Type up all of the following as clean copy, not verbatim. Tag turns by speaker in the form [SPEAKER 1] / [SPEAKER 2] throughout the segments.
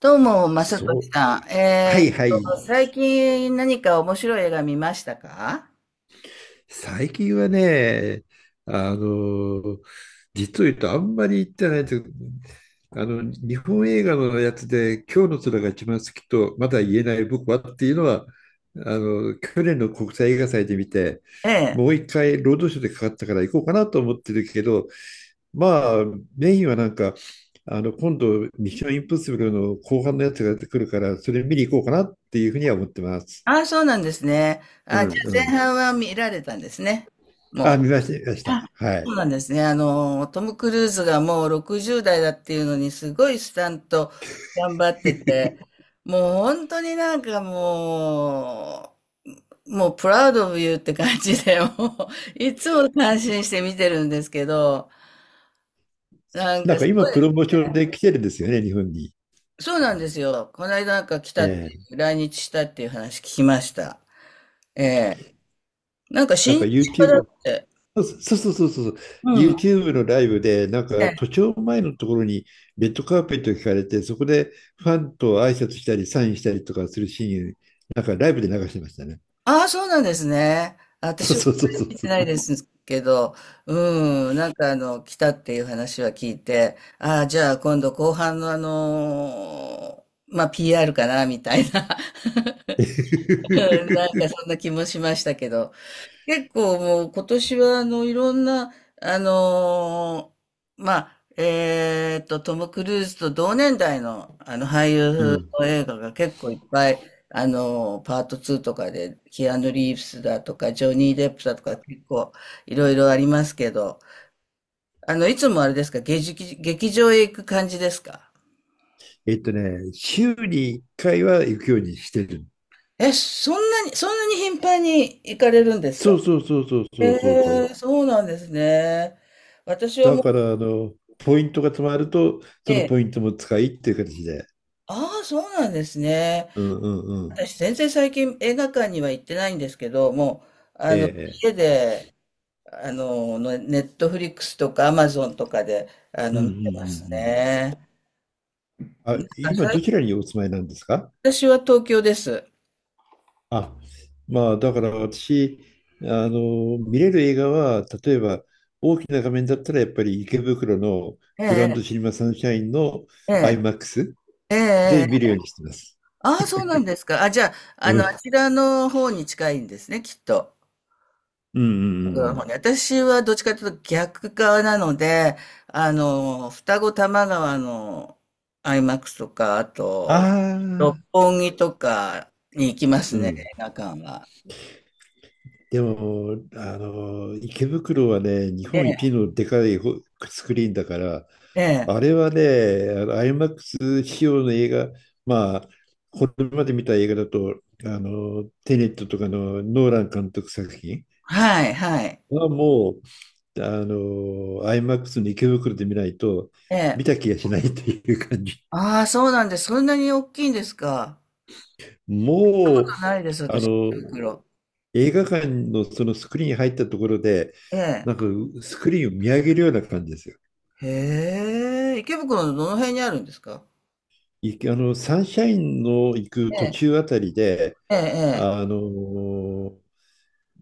[SPEAKER 1] どうも、まさと
[SPEAKER 2] そ
[SPEAKER 1] し
[SPEAKER 2] う。
[SPEAKER 1] さん。
[SPEAKER 2] はいはい。
[SPEAKER 1] 最近何か面白い映画見ましたか？
[SPEAKER 2] 最近はね、あの、実を言うとあんまり行ってないんですけど、日本映画のやつで、今日の空が一番好きと、まだ言えない僕はっていうのは、去年の国際映画祭で見て、
[SPEAKER 1] ええ。
[SPEAKER 2] もう一回、ロードショーでかかったから行こうかなと思ってるけど、まあ、メインはなんか、今度、ミッションインポッシブルの後半のやつが出てくるから、それ見に行こうかなっていうふうには思ってます。
[SPEAKER 1] ああ、そうなんですね。
[SPEAKER 2] う
[SPEAKER 1] あ、じゃあ前
[SPEAKER 2] ん。
[SPEAKER 1] 半は見られたんですね。
[SPEAKER 2] あ、
[SPEAKER 1] も
[SPEAKER 2] 見ました、見まし
[SPEAKER 1] う。
[SPEAKER 2] た。
[SPEAKER 1] あ、
[SPEAKER 2] は
[SPEAKER 1] そ
[SPEAKER 2] い。
[SPEAKER 1] うなんですね。あの、トム・クルーズがもう60代だっていうのに、すごいスタント頑張ってて、もう本当になんかもう、もう、プラウド・オブ・ユーって感じで、もう、いつも感心して見てるんですけど、なん
[SPEAKER 2] な
[SPEAKER 1] か
[SPEAKER 2] ん
[SPEAKER 1] す
[SPEAKER 2] か今、
[SPEAKER 1] ごい。
[SPEAKER 2] プロモーションで来てるんですよね、日本に。
[SPEAKER 1] そうなんですよ。この間なんか来たっ
[SPEAKER 2] え
[SPEAKER 1] て
[SPEAKER 2] え。
[SPEAKER 1] いう、来日したっていう話聞きました。ええ。なんか
[SPEAKER 2] なん
[SPEAKER 1] 親
[SPEAKER 2] か
[SPEAKER 1] 日家だ
[SPEAKER 2] YouTube、
[SPEAKER 1] って。
[SPEAKER 2] そうそうそうそうそう、
[SPEAKER 1] うん。
[SPEAKER 2] YouTube のライブで、なん
[SPEAKER 1] え
[SPEAKER 2] か都
[SPEAKER 1] え。
[SPEAKER 2] 庁前のところにレッドカーペットを引かれて、そこでファンと挨拶したり、サインしたりとかするシーン、なんかライブで流してましたね。
[SPEAKER 1] ああ、そうなんですね。
[SPEAKER 2] そう
[SPEAKER 1] 私は
[SPEAKER 2] そうそうそう
[SPEAKER 1] 聞いて
[SPEAKER 2] そ
[SPEAKER 1] ない
[SPEAKER 2] う。
[SPEAKER 1] ですけど、うん、なんかあの、来たっていう話は聞いて、ああ、じゃあ今度後半のPR かな、みたいな、うん、なん かそんな気もしましたけど、結構もう今年はあのいろんな、あのーまあ、えーっと、トム・クルーズと同年代のあの俳
[SPEAKER 2] う
[SPEAKER 1] 優
[SPEAKER 2] ん。
[SPEAKER 1] の映画が結構いっぱい、パート2とかで、キアヌ・リーブスだとか、ジョニー・デップだとか結構いろいろありますけど、あの、いつもあれですか、劇場へ行く感じですか？
[SPEAKER 2] 週に1回は行くようにしてる。
[SPEAKER 1] え、そんなに頻繁に行かれるんですか？
[SPEAKER 2] そうそうそうそうそうそうそ
[SPEAKER 1] え
[SPEAKER 2] う。
[SPEAKER 1] ー、そうなんですね。私は
[SPEAKER 2] だ
[SPEAKER 1] も
[SPEAKER 2] か
[SPEAKER 1] う
[SPEAKER 2] ら、ポイントが貯まると、その
[SPEAKER 1] ね、
[SPEAKER 2] ポイントも使いっていう形で。
[SPEAKER 1] ああ、そうなんですね。
[SPEAKER 2] うんうんうん。
[SPEAKER 1] 私、全然最近映画館には行ってないんですけど、もう、あ
[SPEAKER 2] え
[SPEAKER 1] の、
[SPEAKER 2] え。
[SPEAKER 1] 家
[SPEAKER 2] ええ。
[SPEAKER 1] で、あの、のネットフリックスとかアマゾンとかで、あ
[SPEAKER 2] うん
[SPEAKER 1] の、
[SPEAKER 2] うんう
[SPEAKER 1] 見てます
[SPEAKER 2] ん
[SPEAKER 1] ね。
[SPEAKER 2] うん。あ、今
[SPEAKER 1] あ、
[SPEAKER 2] どちらにお住まいなんですか？
[SPEAKER 1] 私は東京です。
[SPEAKER 2] あ、まあだから私、見れる映画は、例えば大きな画面だったらやっぱり池袋の
[SPEAKER 1] え
[SPEAKER 2] グランド
[SPEAKER 1] え、
[SPEAKER 2] シネマサンシャインの
[SPEAKER 1] ええ、
[SPEAKER 2] IMAX
[SPEAKER 1] え
[SPEAKER 2] で
[SPEAKER 1] え、
[SPEAKER 2] 見
[SPEAKER 1] え
[SPEAKER 2] る
[SPEAKER 1] え。
[SPEAKER 2] ようにしてます。
[SPEAKER 1] ああ、そうなんですか。あ、じゃあ、あ
[SPEAKER 2] う
[SPEAKER 1] の、あ
[SPEAKER 2] ん。
[SPEAKER 1] ちらの方に近いんですね、きっと。
[SPEAKER 2] うんうんう
[SPEAKER 1] 僕ら
[SPEAKER 2] んう
[SPEAKER 1] の方
[SPEAKER 2] ん。
[SPEAKER 1] に私はどっちかというと逆側なので、あの、双子玉川のアイマックスとか、あ
[SPEAKER 2] あ
[SPEAKER 1] と、六
[SPEAKER 2] あ、
[SPEAKER 1] 本木とかに行きます
[SPEAKER 2] う
[SPEAKER 1] ね、
[SPEAKER 2] ん。
[SPEAKER 1] 映画館は。
[SPEAKER 2] でも、池袋はね、日
[SPEAKER 1] え
[SPEAKER 2] 本
[SPEAKER 1] え、
[SPEAKER 2] 一のでかいスクリーンだから、
[SPEAKER 1] ええ、
[SPEAKER 2] あれはね、IMAX 仕様の映画、まあ、これまで見た映画だと、テネットとかのノーラン監督作品
[SPEAKER 1] はい、はい。
[SPEAKER 2] はもう、IMAX の池袋で見ないと、
[SPEAKER 1] え
[SPEAKER 2] 見
[SPEAKER 1] え。
[SPEAKER 2] た気がしないという感じ。
[SPEAKER 1] ああ、そうなんです。そんなに大きいんですか。
[SPEAKER 2] もう、
[SPEAKER 1] ないです、
[SPEAKER 2] あ
[SPEAKER 1] 私、池
[SPEAKER 2] の、
[SPEAKER 1] 袋。
[SPEAKER 2] 映画館のそのスクリーン入ったところで、
[SPEAKER 1] ええ。
[SPEAKER 2] なんかスクリーンを見上げるような感じですよ。
[SPEAKER 1] へえ、池袋のどの辺にあるんですか？
[SPEAKER 2] いあの、サンシャインの行く
[SPEAKER 1] え
[SPEAKER 2] 途
[SPEAKER 1] え、
[SPEAKER 2] 中あたりで、
[SPEAKER 1] ええ、ええ。
[SPEAKER 2] あの、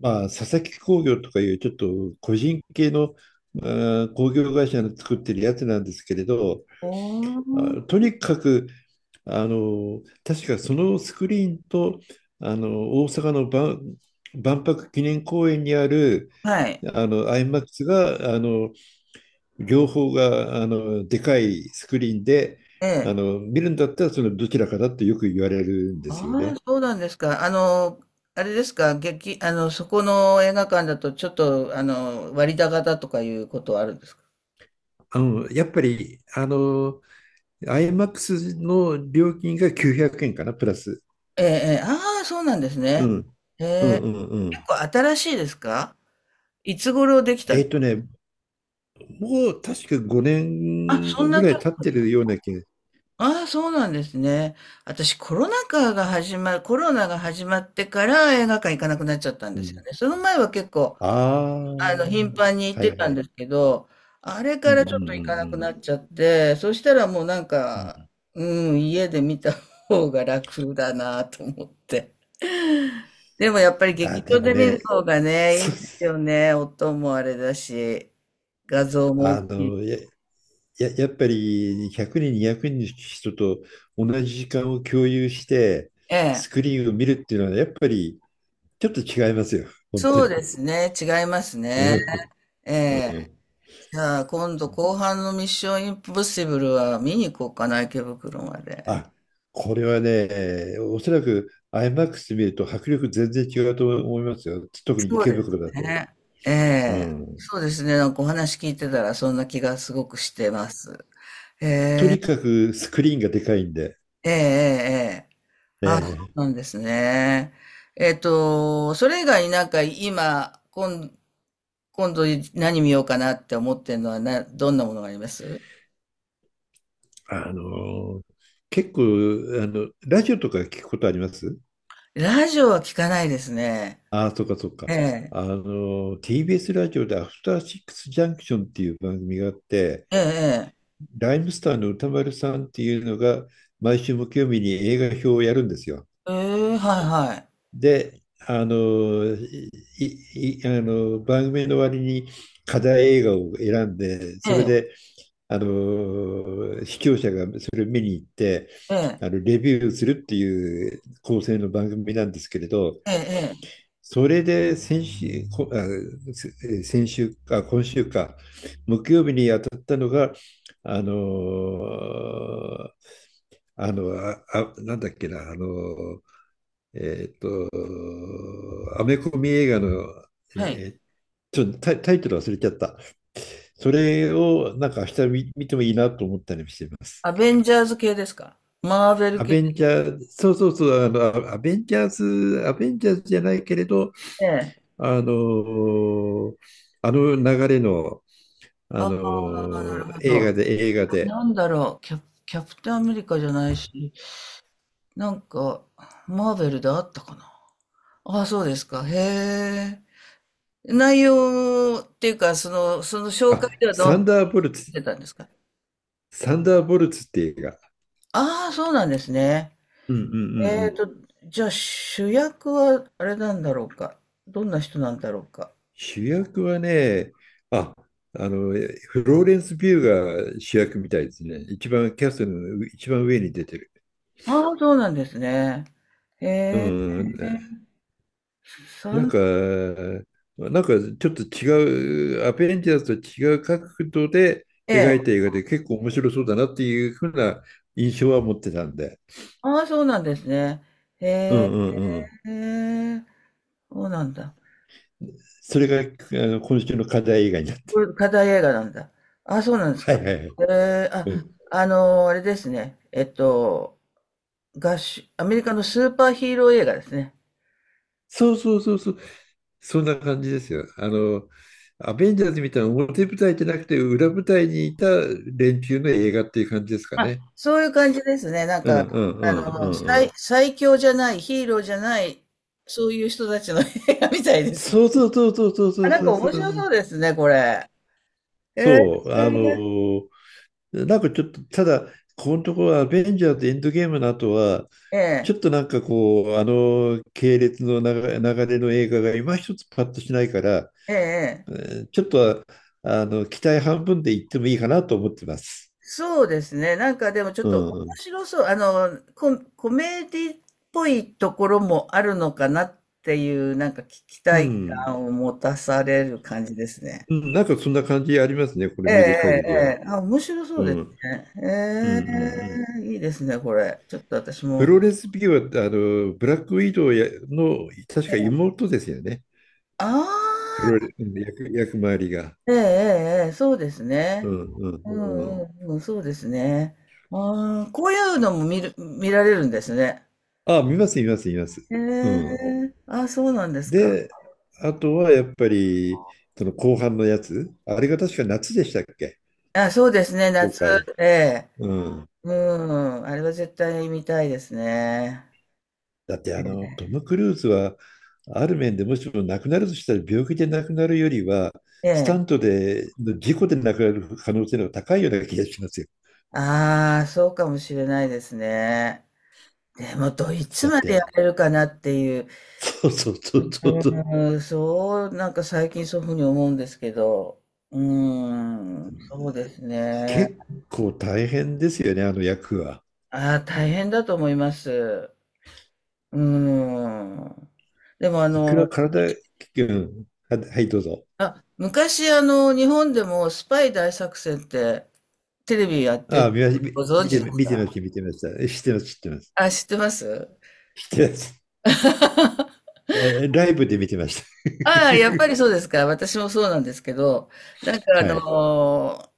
[SPEAKER 2] まあ、佐々木工業とかいうちょっと個人系の、工業会社の作ってるやつなんですけれど、
[SPEAKER 1] お
[SPEAKER 2] あ、
[SPEAKER 1] ー、
[SPEAKER 2] とにかく、確かそのスクリーンと、大阪の万博記念公園にある、
[SPEAKER 1] はい。
[SPEAKER 2] マックスが、両方があのでかいスクリーンで
[SPEAKER 1] ええ。
[SPEAKER 2] 見るんだったらそのどちらかだってよく言われるんで
[SPEAKER 1] あ
[SPEAKER 2] すよ
[SPEAKER 1] あ、
[SPEAKER 2] ね。
[SPEAKER 1] そうなんですか。あの、あれですか、あの、そこの映画館だと、ちょっと、あの、割高だとかいうことはあるんですか？
[SPEAKER 2] やっぱりIMAX の料金が900円かなプラス。
[SPEAKER 1] ええ、ええ、ああ、そうなんです
[SPEAKER 2] う
[SPEAKER 1] ね。
[SPEAKER 2] ん、
[SPEAKER 1] へ
[SPEAKER 2] うん
[SPEAKER 1] え。
[SPEAKER 2] うんうん。
[SPEAKER 1] 結構新しいですか？いつ頃できた
[SPEAKER 2] えっ
[SPEAKER 1] ん。
[SPEAKER 2] とねもう確か5
[SPEAKER 1] あ、そん
[SPEAKER 2] 年ぐ
[SPEAKER 1] な
[SPEAKER 2] ら
[SPEAKER 1] と、
[SPEAKER 2] い経ってるような気が。
[SPEAKER 1] ああ、そうなんですね。私、コロナが始まってから映画館行かなくなっちゃったん
[SPEAKER 2] う
[SPEAKER 1] ですよ
[SPEAKER 2] ん、
[SPEAKER 1] ね。その前は結構
[SPEAKER 2] ああ、
[SPEAKER 1] あの、頻繁に行っ
[SPEAKER 2] は
[SPEAKER 1] て
[SPEAKER 2] い
[SPEAKER 1] た
[SPEAKER 2] は
[SPEAKER 1] ん
[SPEAKER 2] い。
[SPEAKER 1] ですけど、あれ
[SPEAKER 2] うん
[SPEAKER 1] か
[SPEAKER 2] うんう
[SPEAKER 1] らちょっと行かなくなっ
[SPEAKER 2] ん
[SPEAKER 1] ちゃって、そしたらもうなん
[SPEAKER 2] うん。う
[SPEAKER 1] か、
[SPEAKER 2] ん。
[SPEAKER 1] うん、家で見た方が楽だなと思って。でもやっぱり
[SPEAKER 2] あ
[SPEAKER 1] 劇
[SPEAKER 2] で
[SPEAKER 1] 場
[SPEAKER 2] も
[SPEAKER 1] で見る
[SPEAKER 2] ね、
[SPEAKER 1] 方がね、いい
[SPEAKER 2] そう。
[SPEAKER 1] で すよね。音もあれだし、画像も大
[SPEAKER 2] あ
[SPEAKER 1] き
[SPEAKER 2] の
[SPEAKER 1] い。
[SPEAKER 2] ややっぱり100人、200人の人と同じ時間を共有して、
[SPEAKER 1] え
[SPEAKER 2] ス
[SPEAKER 1] え。
[SPEAKER 2] クリーンを見るっていうのは、やっぱりちょっと違いますよ、本当
[SPEAKER 1] そうで
[SPEAKER 2] に。
[SPEAKER 1] すね。違います
[SPEAKER 2] う
[SPEAKER 1] ね。
[SPEAKER 2] ん、
[SPEAKER 1] え
[SPEAKER 2] う
[SPEAKER 1] え。
[SPEAKER 2] ん。
[SPEAKER 1] じゃあ今度後半のミッションインポッシブルは見に行こうかな、池袋まで。
[SPEAKER 2] あ、これはね、おそらく IMAX 見ると迫力全然違うと思いますよ、特に
[SPEAKER 1] そう
[SPEAKER 2] 池
[SPEAKER 1] で
[SPEAKER 2] 袋だ
[SPEAKER 1] す
[SPEAKER 2] と。
[SPEAKER 1] ね。え
[SPEAKER 2] う
[SPEAKER 1] え。
[SPEAKER 2] ん。
[SPEAKER 1] そうですね。なんかお話聞いてたらそんな気がすごくしてます。
[SPEAKER 2] とにかくスクリーンがでかいんで、
[SPEAKER 1] ええ、ええ、ええ。あ、そ
[SPEAKER 2] ね、
[SPEAKER 1] うなんですね。えっと、それ以外になんか今度何見ようかなって思ってるのはな、どんなものがあります？
[SPEAKER 2] あの結構ラジオとか聞くことあります？
[SPEAKER 1] ラジオは聞かないですね。
[SPEAKER 2] ああ、そっかそっか。
[SPEAKER 1] ええ、
[SPEAKER 2] TBS ラジオでアフターシックスジャンクションっていう番組があって、
[SPEAKER 1] ええ、
[SPEAKER 2] ライムスターの歌丸さんっていうのが、毎週木曜日に映画表をやるんですよ。
[SPEAKER 1] ええ、ええ、はい、はい。
[SPEAKER 2] で、あの番組の割に課題映画を選んで、
[SPEAKER 1] え
[SPEAKER 2] それ
[SPEAKER 1] え、
[SPEAKER 2] で、視聴者がそれを見に行って、
[SPEAKER 1] ええ、
[SPEAKER 2] レビューするっていう構成の番組なんですけれど、
[SPEAKER 1] ええ、ええ、
[SPEAKER 2] それで先週、こあせえー先週か、今週か、木曜日に当たったのが、あのーなんだっけな、アメコミ映画の、
[SPEAKER 1] はい。
[SPEAKER 2] えーちょっとタイトル忘れちゃった。それをなんか明日見てもいいなと思ったりしています。
[SPEAKER 1] アベンジャーズ系ですか？マーベル
[SPEAKER 2] ア
[SPEAKER 1] 系。
[SPEAKER 2] ベンジャーズ、そうそうそう、アベンジャーズじゃないけれど、
[SPEAKER 1] ええ。
[SPEAKER 2] あの、あの流れの、
[SPEAKER 1] あ、なるほ
[SPEAKER 2] 映
[SPEAKER 1] ど。
[SPEAKER 2] 画で、映画で、
[SPEAKER 1] なんだろう、キャ、キャプテンアメリカじゃないし、なんか、マーベルであったかな。ああ、そうですか。へえ。内容っていうか、その紹介
[SPEAKER 2] あ、
[SPEAKER 1] ではどうな
[SPEAKER 2] サンダーボルツ、
[SPEAKER 1] ってたんですか？
[SPEAKER 2] サンダーボルツって映画。
[SPEAKER 1] ああ、そうなんですね。
[SPEAKER 2] うんうんう
[SPEAKER 1] え
[SPEAKER 2] ん。う
[SPEAKER 1] ー
[SPEAKER 2] ん。
[SPEAKER 1] と、じゃあ主役はあれなんだろうか。どんな人なんだろうか。
[SPEAKER 2] 主役はね、あ、あの、フローレンス・ビューが主役みたいですね。一番、キャストの一番上に出てる。
[SPEAKER 1] ああ、そうなんですね。へ
[SPEAKER 2] う
[SPEAKER 1] え。
[SPEAKER 2] ん、なん
[SPEAKER 1] 三、
[SPEAKER 2] か、なんかちょっと違う、アベンジャーズと違う角度で
[SPEAKER 1] え
[SPEAKER 2] 描い
[SPEAKER 1] え。
[SPEAKER 2] た映画で結構面白そうだなっていうふうな印象は持ってたんで。
[SPEAKER 1] ああ、そうなんですね。
[SPEAKER 2] う
[SPEAKER 1] へ
[SPEAKER 2] んうんうん。
[SPEAKER 1] え。そうなんだ。
[SPEAKER 2] それが今週の課題映画になって。
[SPEAKER 1] これ課題映画なんだ。あ、そうなんで す
[SPEAKER 2] は
[SPEAKER 1] か。
[SPEAKER 2] いはいはい。
[SPEAKER 1] えーあ、
[SPEAKER 2] うん。
[SPEAKER 1] あれですね。えっと、アメリカのスーパーヒーロー映画ですね。
[SPEAKER 2] そうそうそうそう。そんな感じですよ。アベンジャーズみたいな表舞台じゃなくて裏舞台にいた連中の映画っていう感じですか
[SPEAKER 1] あ、
[SPEAKER 2] ね。
[SPEAKER 1] そういう感じですね。なん
[SPEAKER 2] う
[SPEAKER 1] か、
[SPEAKER 2] んうんう
[SPEAKER 1] あ
[SPEAKER 2] んう
[SPEAKER 1] の、
[SPEAKER 2] んうん。
[SPEAKER 1] 最強じゃない、ヒーローじゃない、そういう人たちの映画みたいです。
[SPEAKER 2] そうそうそうそうそうそ
[SPEAKER 1] あ、
[SPEAKER 2] う
[SPEAKER 1] なん
[SPEAKER 2] そ
[SPEAKER 1] か
[SPEAKER 2] うそ
[SPEAKER 1] 面
[SPEAKER 2] う
[SPEAKER 1] 白そうですね、これ。え
[SPEAKER 2] そう、なんかちょっと、ただ、このところ、アベンジャーズエンドゲームの後は、
[SPEAKER 1] え
[SPEAKER 2] ち
[SPEAKER 1] え
[SPEAKER 2] ょっ
[SPEAKER 1] え
[SPEAKER 2] となんかこう、あの系列の流れの映画が今一つパッとしないから、
[SPEAKER 1] えええ
[SPEAKER 2] え
[SPEAKER 1] ー、
[SPEAKER 2] ちょっと、期待半分で言ってもいいかなと思ってます。
[SPEAKER 1] そうですね。なんかでもちょっ
[SPEAKER 2] う
[SPEAKER 1] と面
[SPEAKER 2] ん。
[SPEAKER 1] 白そう。あの、コメディっぽいところもあるのかなっていう、なんか期
[SPEAKER 2] う
[SPEAKER 1] 待
[SPEAKER 2] ん。
[SPEAKER 1] 感を持たされる感じですね。
[SPEAKER 2] うんなんかそんな感じありますね、これ
[SPEAKER 1] ええ、
[SPEAKER 2] 見る限
[SPEAKER 1] え
[SPEAKER 2] りは。
[SPEAKER 1] え、ええ、あ、面白そう
[SPEAKER 2] うん。う
[SPEAKER 1] です
[SPEAKER 2] ん
[SPEAKER 1] ね。
[SPEAKER 2] うんうん。
[SPEAKER 1] ええ、いいですね、これ。ちょっと私
[SPEAKER 2] フ
[SPEAKER 1] も。
[SPEAKER 2] ローレンス・ピューは、ブラックウィドウやの、確
[SPEAKER 1] え
[SPEAKER 2] か
[SPEAKER 1] え、
[SPEAKER 2] 妹ですよね。フロー
[SPEAKER 1] あ
[SPEAKER 2] レン役、役回りが。
[SPEAKER 1] あ、ええ、ええ、ええ、そうです
[SPEAKER 2] う
[SPEAKER 1] ね。
[SPEAKER 2] んう
[SPEAKER 1] うん、
[SPEAKER 2] んうん。
[SPEAKER 1] うん、うん、そうですね。ああ、こういうのも見られるんですね。
[SPEAKER 2] あ、見ます、見ます、見ます。
[SPEAKER 1] へ
[SPEAKER 2] う
[SPEAKER 1] え、
[SPEAKER 2] ん。
[SPEAKER 1] あ、そうなんですか。
[SPEAKER 2] で、あとはやっぱり、その後半のやつ、あれが確か夏でしたっけ、
[SPEAKER 1] あ、そうですね、
[SPEAKER 2] 公
[SPEAKER 1] 夏、
[SPEAKER 2] 開。
[SPEAKER 1] ええ。
[SPEAKER 2] うん。
[SPEAKER 1] うん、あれは絶対見たいですね。
[SPEAKER 2] だってトム・クルーズは、ある面でもしも亡くなるとしたら病気で亡くなるよりは、
[SPEAKER 1] え
[SPEAKER 2] スタ
[SPEAKER 1] え。
[SPEAKER 2] ントで、事故で亡くなる可能性の方が高いような気がしますよ。
[SPEAKER 1] ああ、そうかもしれないですね。でも、どいつ
[SPEAKER 2] だっ
[SPEAKER 1] までや
[SPEAKER 2] て、
[SPEAKER 1] れるかなっていう、
[SPEAKER 2] そうそうそうそうそう。
[SPEAKER 1] うん、そう、なんか最近そういうふうに思うんですけど、うん、そうですね。
[SPEAKER 2] 結構大変ですよね、あの役は。
[SPEAKER 1] ああ、大変だと思います。うん。でも、あ
[SPEAKER 2] いくら
[SPEAKER 1] の、
[SPEAKER 2] 体、うん、はい、どうぞ。
[SPEAKER 1] あ、昔、あの、日本でもスパイ大作戦ってテレビやって
[SPEAKER 2] ああ、
[SPEAKER 1] るのご存知で
[SPEAKER 2] 見
[SPEAKER 1] す
[SPEAKER 2] てまし
[SPEAKER 1] か？
[SPEAKER 2] た、見てました。知ってます、知ってます。
[SPEAKER 1] あ、知ってます。
[SPEAKER 2] 知ってます。ライブで見てました。
[SPEAKER 1] ああ、やっ ぱりそうですか。私もそうなんですけど、なんかあ
[SPEAKER 2] はい。
[SPEAKER 1] のー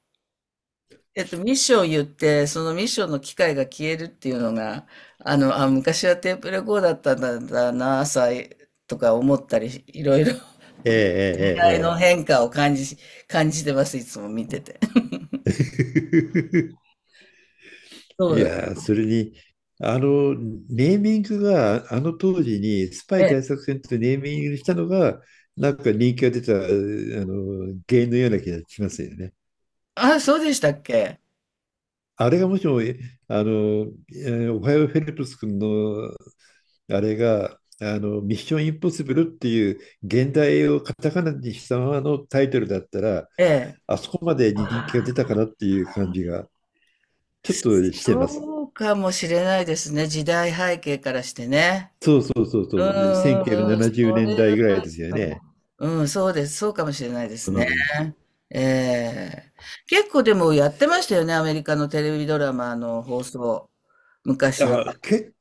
[SPEAKER 1] ミッションを言って、そのミッションの機械が消えるっていうのが、あの、あ、昔はテープレコーダーだったんだな、朝とか思ったり、いろいろ、時代の
[SPEAKER 2] ええ
[SPEAKER 1] 変化を感じ、感じてます、いつも見てて。
[SPEAKER 2] ええええ。
[SPEAKER 1] そう
[SPEAKER 2] い
[SPEAKER 1] だ。
[SPEAKER 2] やー、それに、ネーミングが、あの当時に、スパ
[SPEAKER 1] え
[SPEAKER 2] イ
[SPEAKER 1] え。
[SPEAKER 2] 大作戦とネーミングしたのが、なんか人気が出た、原因のような気がしますよね。
[SPEAKER 1] あ、そうでしたっけ？
[SPEAKER 2] あれがもしも、えあの、えおはようフェルプス君のあれが、ミッションインポッシブルっていう現代をカタカナにしたままのタイトルだったら、
[SPEAKER 1] ええ。
[SPEAKER 2] あそこまで人気が出たかなっていう感じがちょっとしてます。
[SPEAKER 1] そうかもしれないですね。時代背景からしてね。
[SPEAKER 2] そうそうそうそ
[SPEAKER 1] うん、うん、う
[SPEAKER 2] う、1970
[SPEAKER 1] ん、うん、そ
[SPEAKER 2] 年代
[SPEAKER 1] れ、
[SPEAKER 2] ぐらいですよね。
[SPEAKER 1] うん、そうです。そうかもしれないです
[SPEAKER 2] う
[SPEAKER 1] ね。
[SPEAKER 2] ん。
[SPEAKER 1] ええ、結構でもやってましたよね、アメリカのテレビドラマの放送、昔は。
[SPEAKER 2] あ、結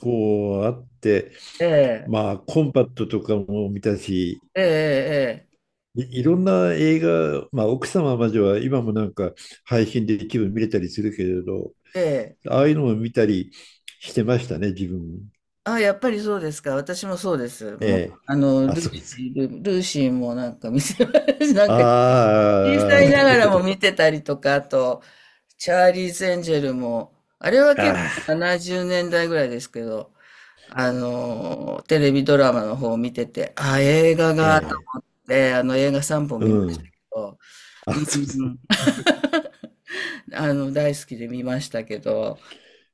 [SPEAKER 2] 構あって、
[SPEAKER 1] ええ、
[SPEAKER 2] まあ、コンパクトとかも見たし、
[SPEAKER 1] ええ、え
[SPEAKER 2] いろんな映画、まあ、奥様までは今もなんか配信で一部見れたりするけれど、
[SPEAKER 1] え、ええ、
[SPEAKER 2] ああいうのも見たりしてましたね、自分。
[SPEAKER 1] あ、やっぱりそうですか。私もそうです。
[SPEAKER 2] え
[SPEAKER 1] もう、
[SPEAKER 2] え。
[SPEAKER 1] あの、
[SPEAKER 2] あ、そうですか。
[SPEAKER 1] ルーシーもなんか見て、なんか小
[SPEAKER 2] あ
[SPEAKER 1] さ
[SPEAKER 2] あ、
[SPEAKER 1] い
[SPEAKER 2] な
[SPEAKER 1] なが
[SPEAKER 2] るほ
[SPEAKER 1] ら
[SPEAKER 2] ど。
[SPEAKER 1] も見てたりとか、あと、チャーリーズ・エンジェルも、あれは結構
[SPEAKER 2] ああ、
[SPEAKER 1] 70年代ぐらいですけど、あのー、テレビドラマの方を見てて、あ、映画
[SPEAKER 2] え
[SPEAKER 1] があっ
[SPEAKER 2] え。
[SPEAKER 1] て、あの映画3本見
[SPEAKER 2] う
[SPEAKER 1] ましたけ
[SPEAKER 2] ん。
[SPEAKER 1] ど、
[SPEAKER 2] あ、
[SPEAKER 1] うん、
[SPEAKER 2] そうで
[SPEAKER 1] う
[SPEAKER 2] すね
[SPEAKER 1] ん、あの、大好きで見ましたけど、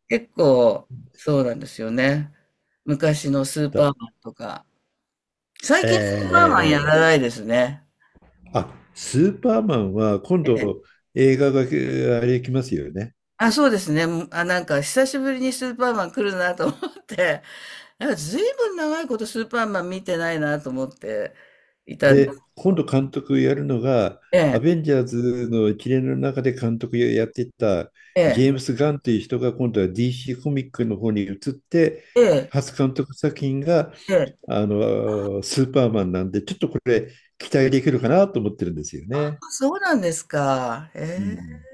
[SPEAKER 1] 結構、そうなんですよね。昔のスーパ
[SPEAKER 2] だ。
[SPEAKER 1] ーマンとか、最
[SPEAKER 2] ええ、え
[SPEAKER 1] 近スーパーマンや
[SPEAKER 2] え。え
[SPEAKER 1] ら
[SPEAKER 2] え。
[SPEAKER 1] ないですね。
[SPEAKER 2] あ、スーパーマンは今
[SPEAKER 1] え
[SPEAKER 2] 度
[SPEAKER 1] え、
[SPEAKER 2] 映画があれ来ますよね。
[SPEAKER 1] あ、そうですね。あ、なんか久しぶりにスーパーマン来るなと思って、なんか随分長いことスーパーマン見てないなと思っていたんですけ
[SPEAKER 2] で、今
[SPEAKER 1] ど。
[SPEAKER 2] 度監督やるのが、
[SPEAKER 1] え
[SPEAKER 2] ア
[SPEAKER 1] え、
[SPEAKER 2] ベンジャーズの一連の中で監督やってた
[SPEAKER 1] え
[SPEAKER 2] ジェー
[SPEAKER 1] え、
[SPEAKER 2] ムス・ガンという人が今度は DC コミックの方に移って、
[SPEAKER 1] ええ、
[SPEAKER 2] 初監督作品が
[SPEAKER 1] ええ、
[SPEAKER 2] あのスーパーマンなんで、ちょっとこれ期待できるかなと思ってるんですよね。
[SPEAKER 1] そうなんですか。
[SPEAKER 2] う
[SPEAKER 1] え
[SPEAKER 2] ん